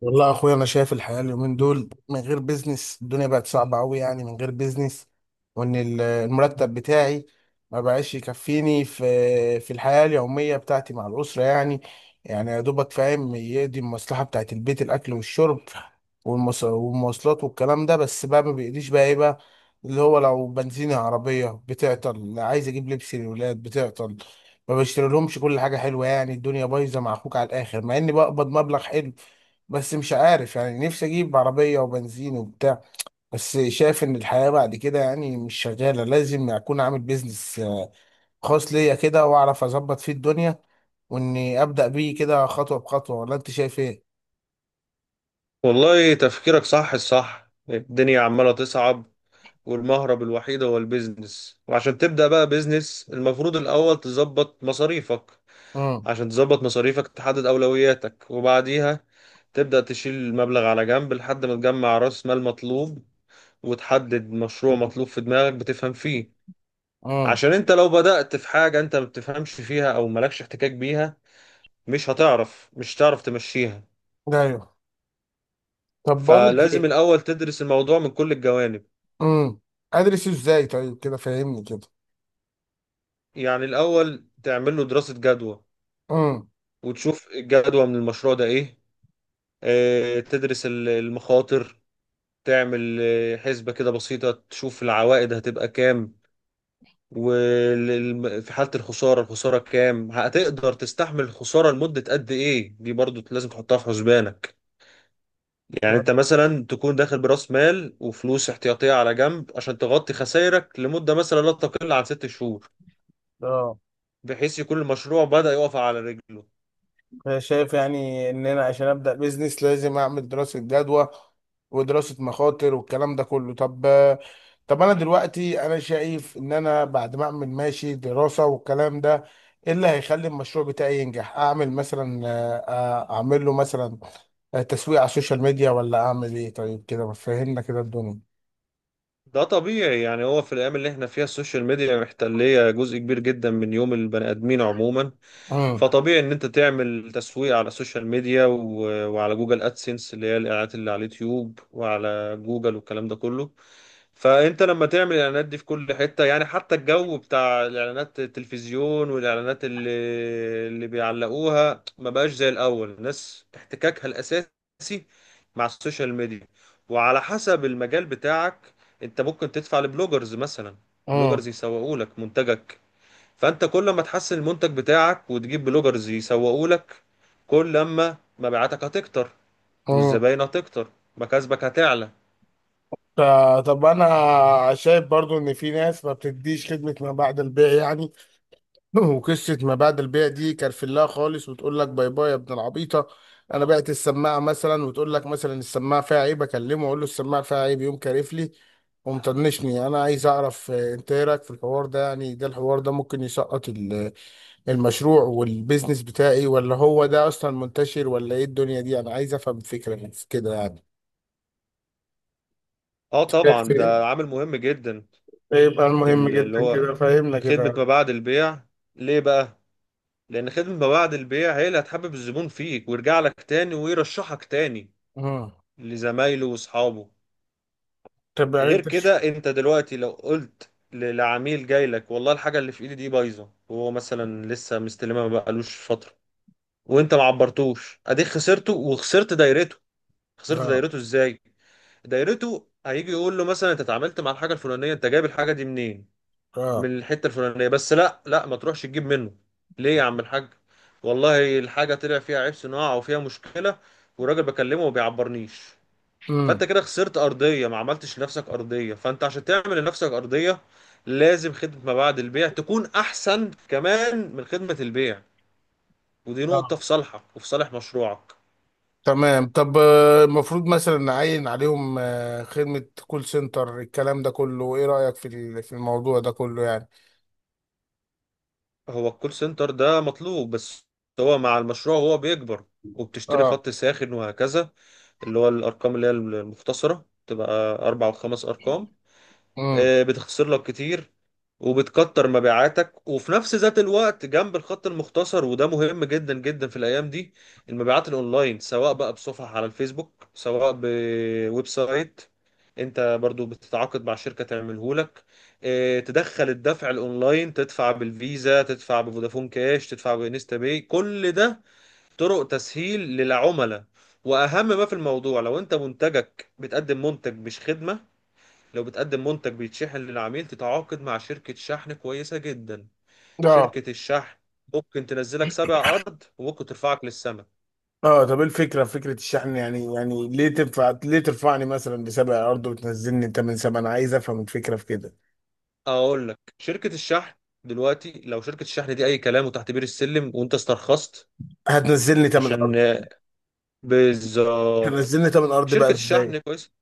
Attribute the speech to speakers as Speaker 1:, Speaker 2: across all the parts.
Speaker 1: والله يا اخويا، انا شايف الحياه اليومين دول من غير بيزنس. الدنيا بقت صعبه قوي يعني، من غير بيزنس. وان المرتب بتاعي ما بقاش يكفيني في الحياه اليوميه بتاعتي مع الاسره يعني. يعني يا دوبك فاهم، يقضي المصلحه بتاعت البيت، الاكل والشرب والمواصلات والكلام ده. بس بقى ما بيقضيش، بقى ايه بقى؟ اللي هو لو بنزين عربيه بتعطل، عايز اجيب لبس للولاد بتعطل، ما بشتري لهمش كل حاجه حلوه. يعني الدنيا بايظه مع اخوك على الاخر، مع اني بقبض مبلغ حلو. بس مش عارف يعني، نفسي اجيب عربية وبنزين وبتاع. بس شايف ان الحياة بعد كده يعني مش شغالة، لازم اكون عامل بيزنس خاص ليا كده واعرف اظبط فيه الدنيا، واني ابدا بيه كده خطوة بخطوة. ولا انت شايف ايه؟
Speaker 2: والله تفكيرك صح الصح. الدنيا عمالة تصعب، والمهرب الوحيد هو البيزنس. وعشان تبدأ بقى بيزنس المفروض الأول تظبط مصاريفك.
Speaker 1: امم.
Speaker 2: عشان تظبط مصاريفك تحدد أولوياتك، وبعديها تبدأ تشيل المبلغ على جنب لحد ما تجمع رأس مال مطلوب، وتحدد مشروع مطلوب في دماغك بتفهم فيه.
Speaker 1: امم.
Speaker 2: عشان انت لو بدأت في حاجة انت ما بتفهمش فيها او مالكش احتكاك بيها، مش هتعرف تمشيها.
Speaker 1: ايوه. طب بقول لك
Speaker 2: فلازم
Speaker 1: ايه؟
Speaker 2: الأول تدرس الموضوع من كل الجوانب.
Speaker 1: امم. ادرسه ازاي طيب؟ كده فاهمني كده.
Speaker 2: يعني الأول تعمل له دراسة جدوى، وتشوف الجدوى من المشروع ده إيه. تدرس المخاطر. تعمل حسبة كده بسيطة، تشوف العوائد هتبقى كام، وفي حالة الخسارة الخسارة كام، هتقدر تستحمل الخسارة لمدة قد إيه. دي برضو لازم تحطها في حسبانك. يعني أنت مثلا تكون داخل برأس مال وفلوس احتياطية على جنب عشان تغطي خسائرك لمدة مثلا لا تقل عن 6 شهور،
Speaker 1: امم.
Speaker 2: بحيث يكون المشروع بدأ يقف على رجله.
Speaker 1: شايف يعني ان انا عشان ابدا بيزنس لازم اعمل دراسه جدوى ودراسه مخاطر والكلام ده كله. طب، طب انا دلوقتي انا شايف ان انا بعد ما اعمل ماشي دراسه والكلام ده، ايه اللي هيخلي المشروع بتاعي ينجح؟ اعمل مثلا اعمل له مثلا تسويق على السوشيال ميديا، ولا اعمل ايه؟ طيب كده ما فهمنا كده الدنيا.
Speaker 2: ده طبيعي. يعني هو في الأيام اللي احنا فيها السوشيال ميديا محتلية جزء كبير جدا من يوم البني آدمين عموما.
Speaker 1: امم.
Speaker 2: فطبيعي إن أنت تعمل تسويق على السوشيال ميديا وعلى جوجل أدسنس، اللي هي الإعلانات اللي على اليوتيوب وعلى جوجل والكلام ده كله. فأنت لما تعمل الإعلانات دي في كل حتة، يعني حتى الجو بتاع الإعلانات التلفزيون والإعلانات اللي بيعلقوها، ما بقاش زي الأول. الناس احتكاكها الأساسي مع السوشيال ميديا، وعلى حسب المجال بتاعك انت ممكن تدفع لبلوجرز مثلا.
Speaker 1: امم.
Speaker 2: بلوجرز يسوقوا لك منتجك. فانت كل ما تحسن المنتج بتاعك وتجيب بلوجرز يسوقوا لك، كل ما مبيعاتك هتكتر،
Speaker 1: امم.
Speaker 2: والزباين هتكتر، مكاسبك هتعلى.
Speaker 1: طب انا شايف برضو ان في ناس ما بتديش خدمه ما بعد البيع يعني. وقصة ما بعد البيع دي كرفلاها خالص وتقول لك باي باي يا ابن العبيطة. أنا بعت السماعة مثلا وتقول لك مثلا السماعة فيها عيب، أكلمه أقول له السماعة فيها عيب، يقوم كارف لي ومطنشني. أنا عايز أعرف أنت إيه رأيك في الحوار ده يعني؟ ده الحوار ده ممكن يسقط المشروع والبيزنس بتاعي؟ ولا هو ده أصلا منتشر ولا إيه الدنيا دي؟ أنا عايز أفهم فكرة من كده يعني.
Speaker 2: اه
Speaker 1: شايف
Speaker 2: طبعا،
Speaker 1: إيه؟
Speaker 2: ده عامل مهم جدا،
Speaker 1: يبقى المهم
Speaker 2: اللي
Speaker 1: جدا كده
Speaker 2: هو
Speaker 1: فهمنا
Speaker 2: خدمة ما
Speaker 1: كده.
Speaker 2: بعد البيع. ليه بقى؟ لان خدمة ما بعد البيع هي اللي هتحبب الزبون فيك، ويرجع لك تاني، ويرشحك تاني
Speaker 1: مم.
Speaker 2: لزمايله واصحابه.
Speaker 1: طب يعني
Speaker 2: غير
Speaker 1: أنت.
Speaker 2: كده، انت دلوقتي لو قلت لعميل جاي لك: والله الحاجه اللي في ايدي دي بايظه، وهو مثلا لسه مستلمها ما بقالوش فتره، وانت ما عبرتوش، اديك خسرته وخسرت دايرته. خسرت
Speaker 1: آه.
Speaker 2: دايرته ازاي؟ دايرته هيجي يقول له مثلا: انت اتعاملت مع الحاجه الفلانيه، انت جايب الحاجه دي منين؟
Speaker 1: آه.
Speaker 2: من الحته الفلانيه. بس لا لا، ما تروحش تجيب منه. ليه يا عم الحاج؟ والله الحاجه طلع فيها عيب صناعه او فيها مشكله، والراجل بكلمه وما بيعبرنيش. فانت
Speaker 1: مم.
Speaker 2: كده خسرت ارضيه، ما عملتش لنفسك ارضيه. فانت عشان تعمل لنفسك ارضيه، لازم خدمه ما بعد البيع تكون احسن كمان من خدمه البيع. ودي نقطه في صالحك وفي صالح مشروعك.
Speaker 1: تمام. طب المفروض مثلا نعين عليهم خدمة كول سنتر الكلام ده كله. ايه رأيك في الموضوع ده كله يعني؟
Speaker 2: هو الكول سنتر ده مطلوب، بس هو مع المشروع هو بيكبر. وبتشتري
Speaker 1: اه.
Speaker 2: خط ساخن وهكذا، اللي هو الارقام اللي هي المختصره، تبقى 4 و5 ارقام.
Speaker 1: امم.
Speaker 2: بتخسر لك كتير، وبتكتر مبيعاتك. وفي نفس ذات الوقت جنب الخط المختصر، وده مهم جدا جدا في الايام دي، المبيعات الاونلاين، سواء بقى بصفحة على الفيسبوك سواء بويب سايت، انت برضو بتتعاقد مع شركة تعمله لك. اه، تدخل الدفع الاونلاين، تدفع بالفيزا، تدفع بفودافون كاش، تدفع بانستا باي، كل ده طرق تسهيل للعملاء. واهم ما في الموضوع، لو انت منتجك بتقدم منتج مش خدمة، لو بتقدم منتج بيتشحن للعميل، تتعاقد مع شركة شحن كويسة جدا.
Speaker 1: اه.
Speaker 2: شركة الشحن ممكن تنزلك سبع أرض، وممكن ترفعك للسماء.
Speaker 1: اه طب ايه الفكرة في فكرة الشحن يعني؟ يعني ليه تنفع؟ ليه ترفعني مثلا بسبع ارض وتنزلني تمن سبع؟ انا عايز افهم الفكرة في كده.
Speaker 2: أقول لك، شركة الشحن دلوقتي لو شركة الشحن دي أي كلام وتحت بير السلم، وأنت استرخصت
Speaker 1: هتنزلني تمن
Speaker 2: عشان…
Speaker 1: ارض.
Speaker 2: بالظبط.
Speaker 1: هتنزلني تمن ارض بقى
Speaker 2: شركة الشحن
Speaker 1: ازاي؟
Speaker 2: كويس،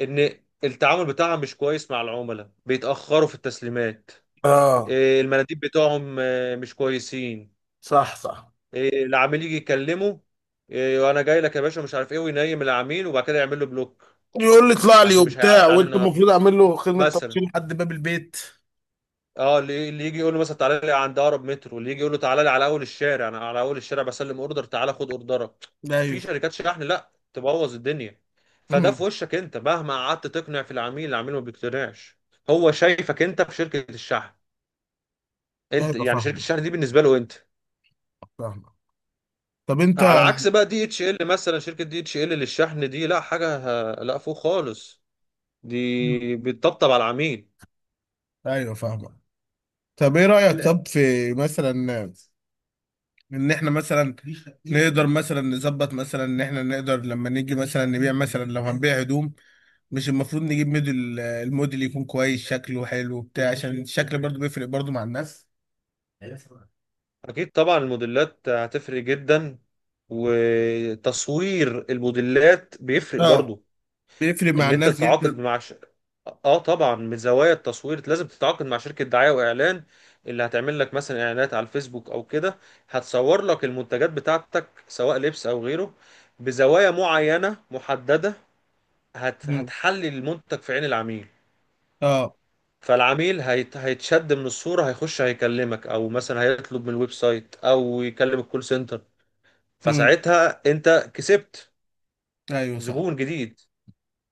Speaker 2: إن التعامل بتاعها مش كويس مع العملاء، بيتأخروا في التسليمات.
Speaker 1: اه.
Speaker 2: المناديب بتاعهم مش كويسين.
Speaker 1: صح صح.
Speaker 2: العميل يجي يكلمه. وانا جاي لك يا باشا مش عارف ايه، وينيم العميل وبعد كده يعمل له بلوك.
Speaker 1: يقول لي اطلع لي
Speaker 2: عشان مش هيعدي
Speaker 1: وبتاع،
Speaker 2: عليه
Speaker 1: وانت
Speaker 2: النهارده
Speaker 1: المفروض اعمل له خدمة
Speaker 2: مثلا.
Speaker 1: توصيل لحد باب البيت.
Speaker 2: اه، اللي يجي يقول له مثلا تعالى لي عند اقرب مترو، اللي يجي يقول له تعالى لي على اول الشارع، انا على اول الشارع بسلم اوردر تعالى خد اوردرك.
Speaker 1: لا
Speaker 2: في
Speaker 1: ايوه.
Speaker 2: شركات شحن لا تبوظ الدنيا. فده في
Speaker 1: امم.
Speaker 2: وشك، انت مهما قعدت تقنع في العميل العميل ما بيقتنعش. هو شايفك انت في شركة الشحن.
Speaker 1: لا
Speaker 2: انت
Speaker 1: يبقى
Speaker 2: يعني شركة
Speaker 1: فاهمه
Speaker 2: الشحن دي بالنسبة له انت.
Speaker 1: فاهمه. طب انت.
Speaker 2: على عكس بقى دي اتش ال مثلا، شركة دي اتش ال للشحن دي لا، حاجة لا فوق خالص،
Speaker 1: مم.
Speaker 2: دي بتطبطب على العميل.
Speaker 1: ايوه فاهمك. طب ايه رأيك؟ لا طب في مثلا ان احنا مثلا نقدر مثلا نظبط مثلا ان احنا نقدر لما نيجي مثلا نبيع مثلا لو هنبيع هدوم، مش المفروض نجيب موديل؟ الموديل يكون كويس شكله حلو بتاع عشان الشكل برضو بيفرق برضو مع الناس.
Speaker 2: اكيد طبعا، الموديلات هتفرق جدا، وتصوير الموديلات بيفرق
Speaker 1: اه.
Speaker 2: برضو.
Speaker 1: بيفرق مع
Speaker 2: ان انت
Speaker 1: الناس
Speaker 2: تتعاقد
Speaker 1: جدا.
Speaker 2: مع اه طبعا، من زوايا التصوير لازم تتعاقد مع شركة دعاية واعلان، اللي هتعمل لك مثلا اعلانات على الفيسبوك او كده، هتصور لك المنتجات بتاعتك سواء لبس او غيره بزوايا معينة محددة.
Speaker 1: مم.
Speaker 2: هتحلي المنتج في عين العميل.
Speaker 1: اه.
Speaker 2: فالعميل هيتشد من الصورة، هيخش هيكلمك، او مثلا هيطلب من الويب سايت او يكلم الكول سنتر.
Speaker 1: مم.
Speaker 2: فساعتها انت كسبت
Speaker 1: ايوه صح
Speaker 2: زبون جديد.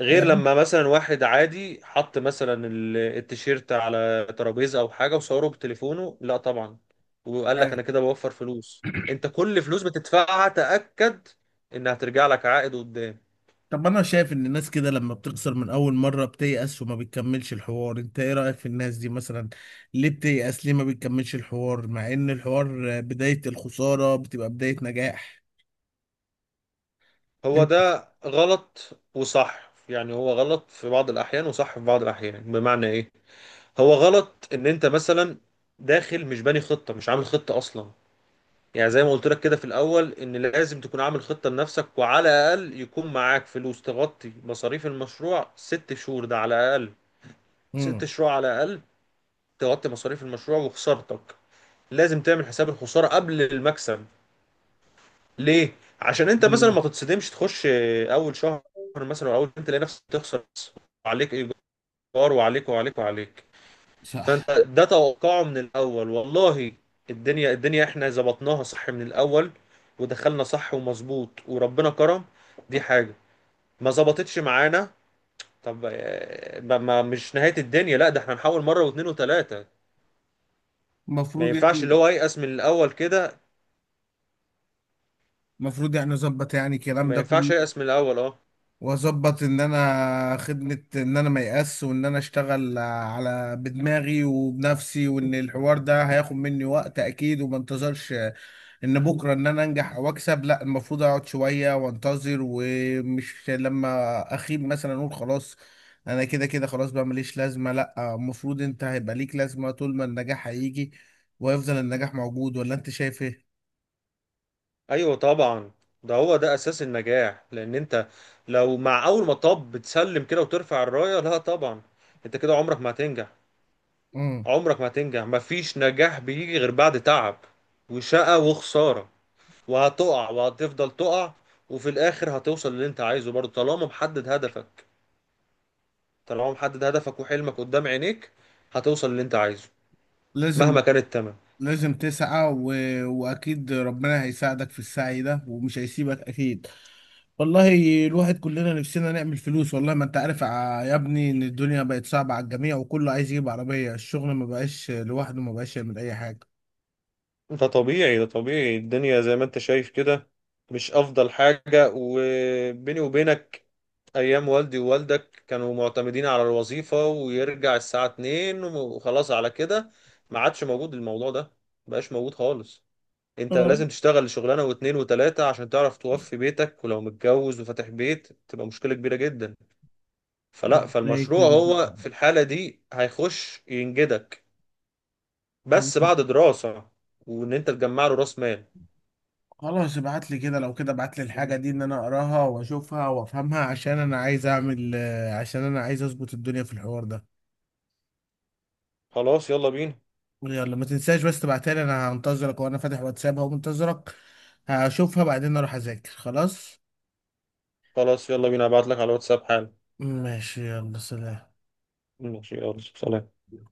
Speaker 2: غير لما مثلا واحد عادي حط مثلا التيشيرت على ترابيزة او حاجة وصوره بتليفونه، لا طبعا. وقال لك انا
Speaker 1: يعني.
Speaker 2: كده بوفر فلوس. انت كل فلوس بتدفعها تأكد انها ترجع لك عائد قدام.
Speaker 1: طب انا شايف ان الناس كده لما بتخسر من اول مرة بتيأس وما بتكملش الحوار. انت ايه رأيك في الناس دي مثلا؟ ليه بتيأس؟ ليه ما بتكملش الحوار مع ان الحوار بداية الخسارة بتبقى بداية نجاح؟
Speaker 2: هو
Speaker 1: انت.
Speaker 2: ده غلط وصح. يعني هو غلط في بعض الأحيان، وصح في بعض الأحيان. بمعنى إيه؟ هو غلط إن أنت مثلا داخل مش باني خطة، مش عامل خطة أصلا. يعني زي ما قلت لك كده في الأول إن لازم تكون عامل خطة لنفسك، وعلى الأقل يكون معاك فلوس تغطي مصاريف المشروع 6 شهور، ده على الأقل. ست
Speaker 1: امم.
Speaker 2: شهور على الأقل تغطي مصاريف المشروع وخسارتك. لازم تعمل حساب الخسارة قبل المكسب. ليه؟ عشان انت
Speaker 1: ليه
Speaker 2: مثلا
Speaker 1: بقى؟
Speaker 2: ما تتصدمش تخش اول شهر مثلا، او اول انت تلاقي نفسك تخسر، عليك ايجار وعليك وعليك وعليك.
Speaker 1: صح.
Speaker 2: فانت ده توقعه من الاول. والله الدنيا احنا ظبطناها صح من الاول، ودخلنا صح ومظبوط وربنا كرم. دي حاجة ما ظبطتش معانا. طب مش نهاية الدنيا لا، ده احنا نحاول مرة واثنين وثلاثة. ما
Speaker 1: المفروض
Speaker 2: ينفعش اللي
Speaker 1: يعني.
Speaker 2: هو ييأس من الاول كده.
Speaker 1: المفروض يعني اظبط يعني الكلام
Speaker 2: ما
Speaker 1: ده
Speaker 2: ينفعش
Speaker 1: كله،
Speaker 2: ييأس من الاول، اه.
Speaker 1: واظبط ان انا خدمة، ان انا ما يأس، وان انا اشتغل على بدماغي وبنفسي، وان الحوار ده هياخد مني وقت اكيد، وما انتظرش ان بكره ان انا انجح او اكسب. لا المفروض اقعد شويه وانتظر، ومش لما اخيب مثلا اقول خلاص انا كده كده خلاص بقى ماليش لازمه. لا المفروض انت هيبقى ليك لازمه طول ما النجاح هيجي ويفضل النجاح موجود. ولا انت شايف ايه؟
Speaker 2: ايوه طبعا، ده هو ده اساس النجاح. لان انت لو مع اول مطب بتسلم كده وترفع الرايه، لا طبعا، انت كده عمرك ما هتنجح.
Speaker 1: امم.
Speaker 2: عمرك ما هتنجح. مفيش نجاح بيجي غير بعد تعب وشقة وخسارة، وهتقع وهتفضل تقع، وفي الاخر هتوصل للي انت عايزه برضه، طالما محدد هدفك، طالما محدد هدفك وحلمك قدام عينيك، هتوصل للي انت عايزه
Speaker 1: لازم.
Speaker 2: مهما كان التمن.
Speaker 1: لازم تسعى. واكيد ربنا هيساعدك في السعي ده ومش هيسيبك اكيد. والله الواحد كلنا نفسنا نعمل فلوس. والله ما انت عارف يا ابني ان الدنيا بقت صعبة على الجميع، وكله عايز يجيب عربية الشغل. ما بقاش لوحده، ما بقاش يعمل اي حاجة.
Speaker 2: ده طبيعي. الدنيا زي ما انت شايف كده، مش افضل حاجة. وبيني وبينك، ايام والدي ووالدك كانوا معتمدين على الوظيفة، ويرجع الساعة 2 وخلاص على كده. ما عادش موجود الموضوع ده، مبقاش موجود خالص. انت
Speaker 1: رب
Speaker 2: لازم تشتغل شغلانة واتنين وتلاتة عشان تعرف توفي بيتك، ولو متجوز وفاتح بيت تبقى مشكلة كبيرة جدا. فلا،
Speaker 1: ربنا
Speaker 2: فالمشروع
Speaker 1: يكرم.
Speaker 2: هو في الحالة دي هيخش ينجدك، بس
Speaker 1: والله.
Speaker 2: بعد دراسة، وان انت تجمع له راس مال.
Speaker 1: خلاص ابعت لي كده. لو كده ابعت لي الحاجة دي ان انا اقراها واشوفها وافهمها، عشان انا عايز اعمل عشان انا عايز اظبط الدنيا في الحوار ده.
Speaker 2: خلاص يلا بينا.
Speaker 1: يلا ما تنساش بس تبعتها لي. انا هنتظرك، وانا فاتح واتساب اهو منتظرك. هشوفها بعدين اروح اذاكر خلاص.
Speaker 2: خلاص يلا بينا، هبعت لك على الواتساب حالا.
Speaker 1: ماشي يلا سلام.
Speaker 2: ماشي يلا سلام.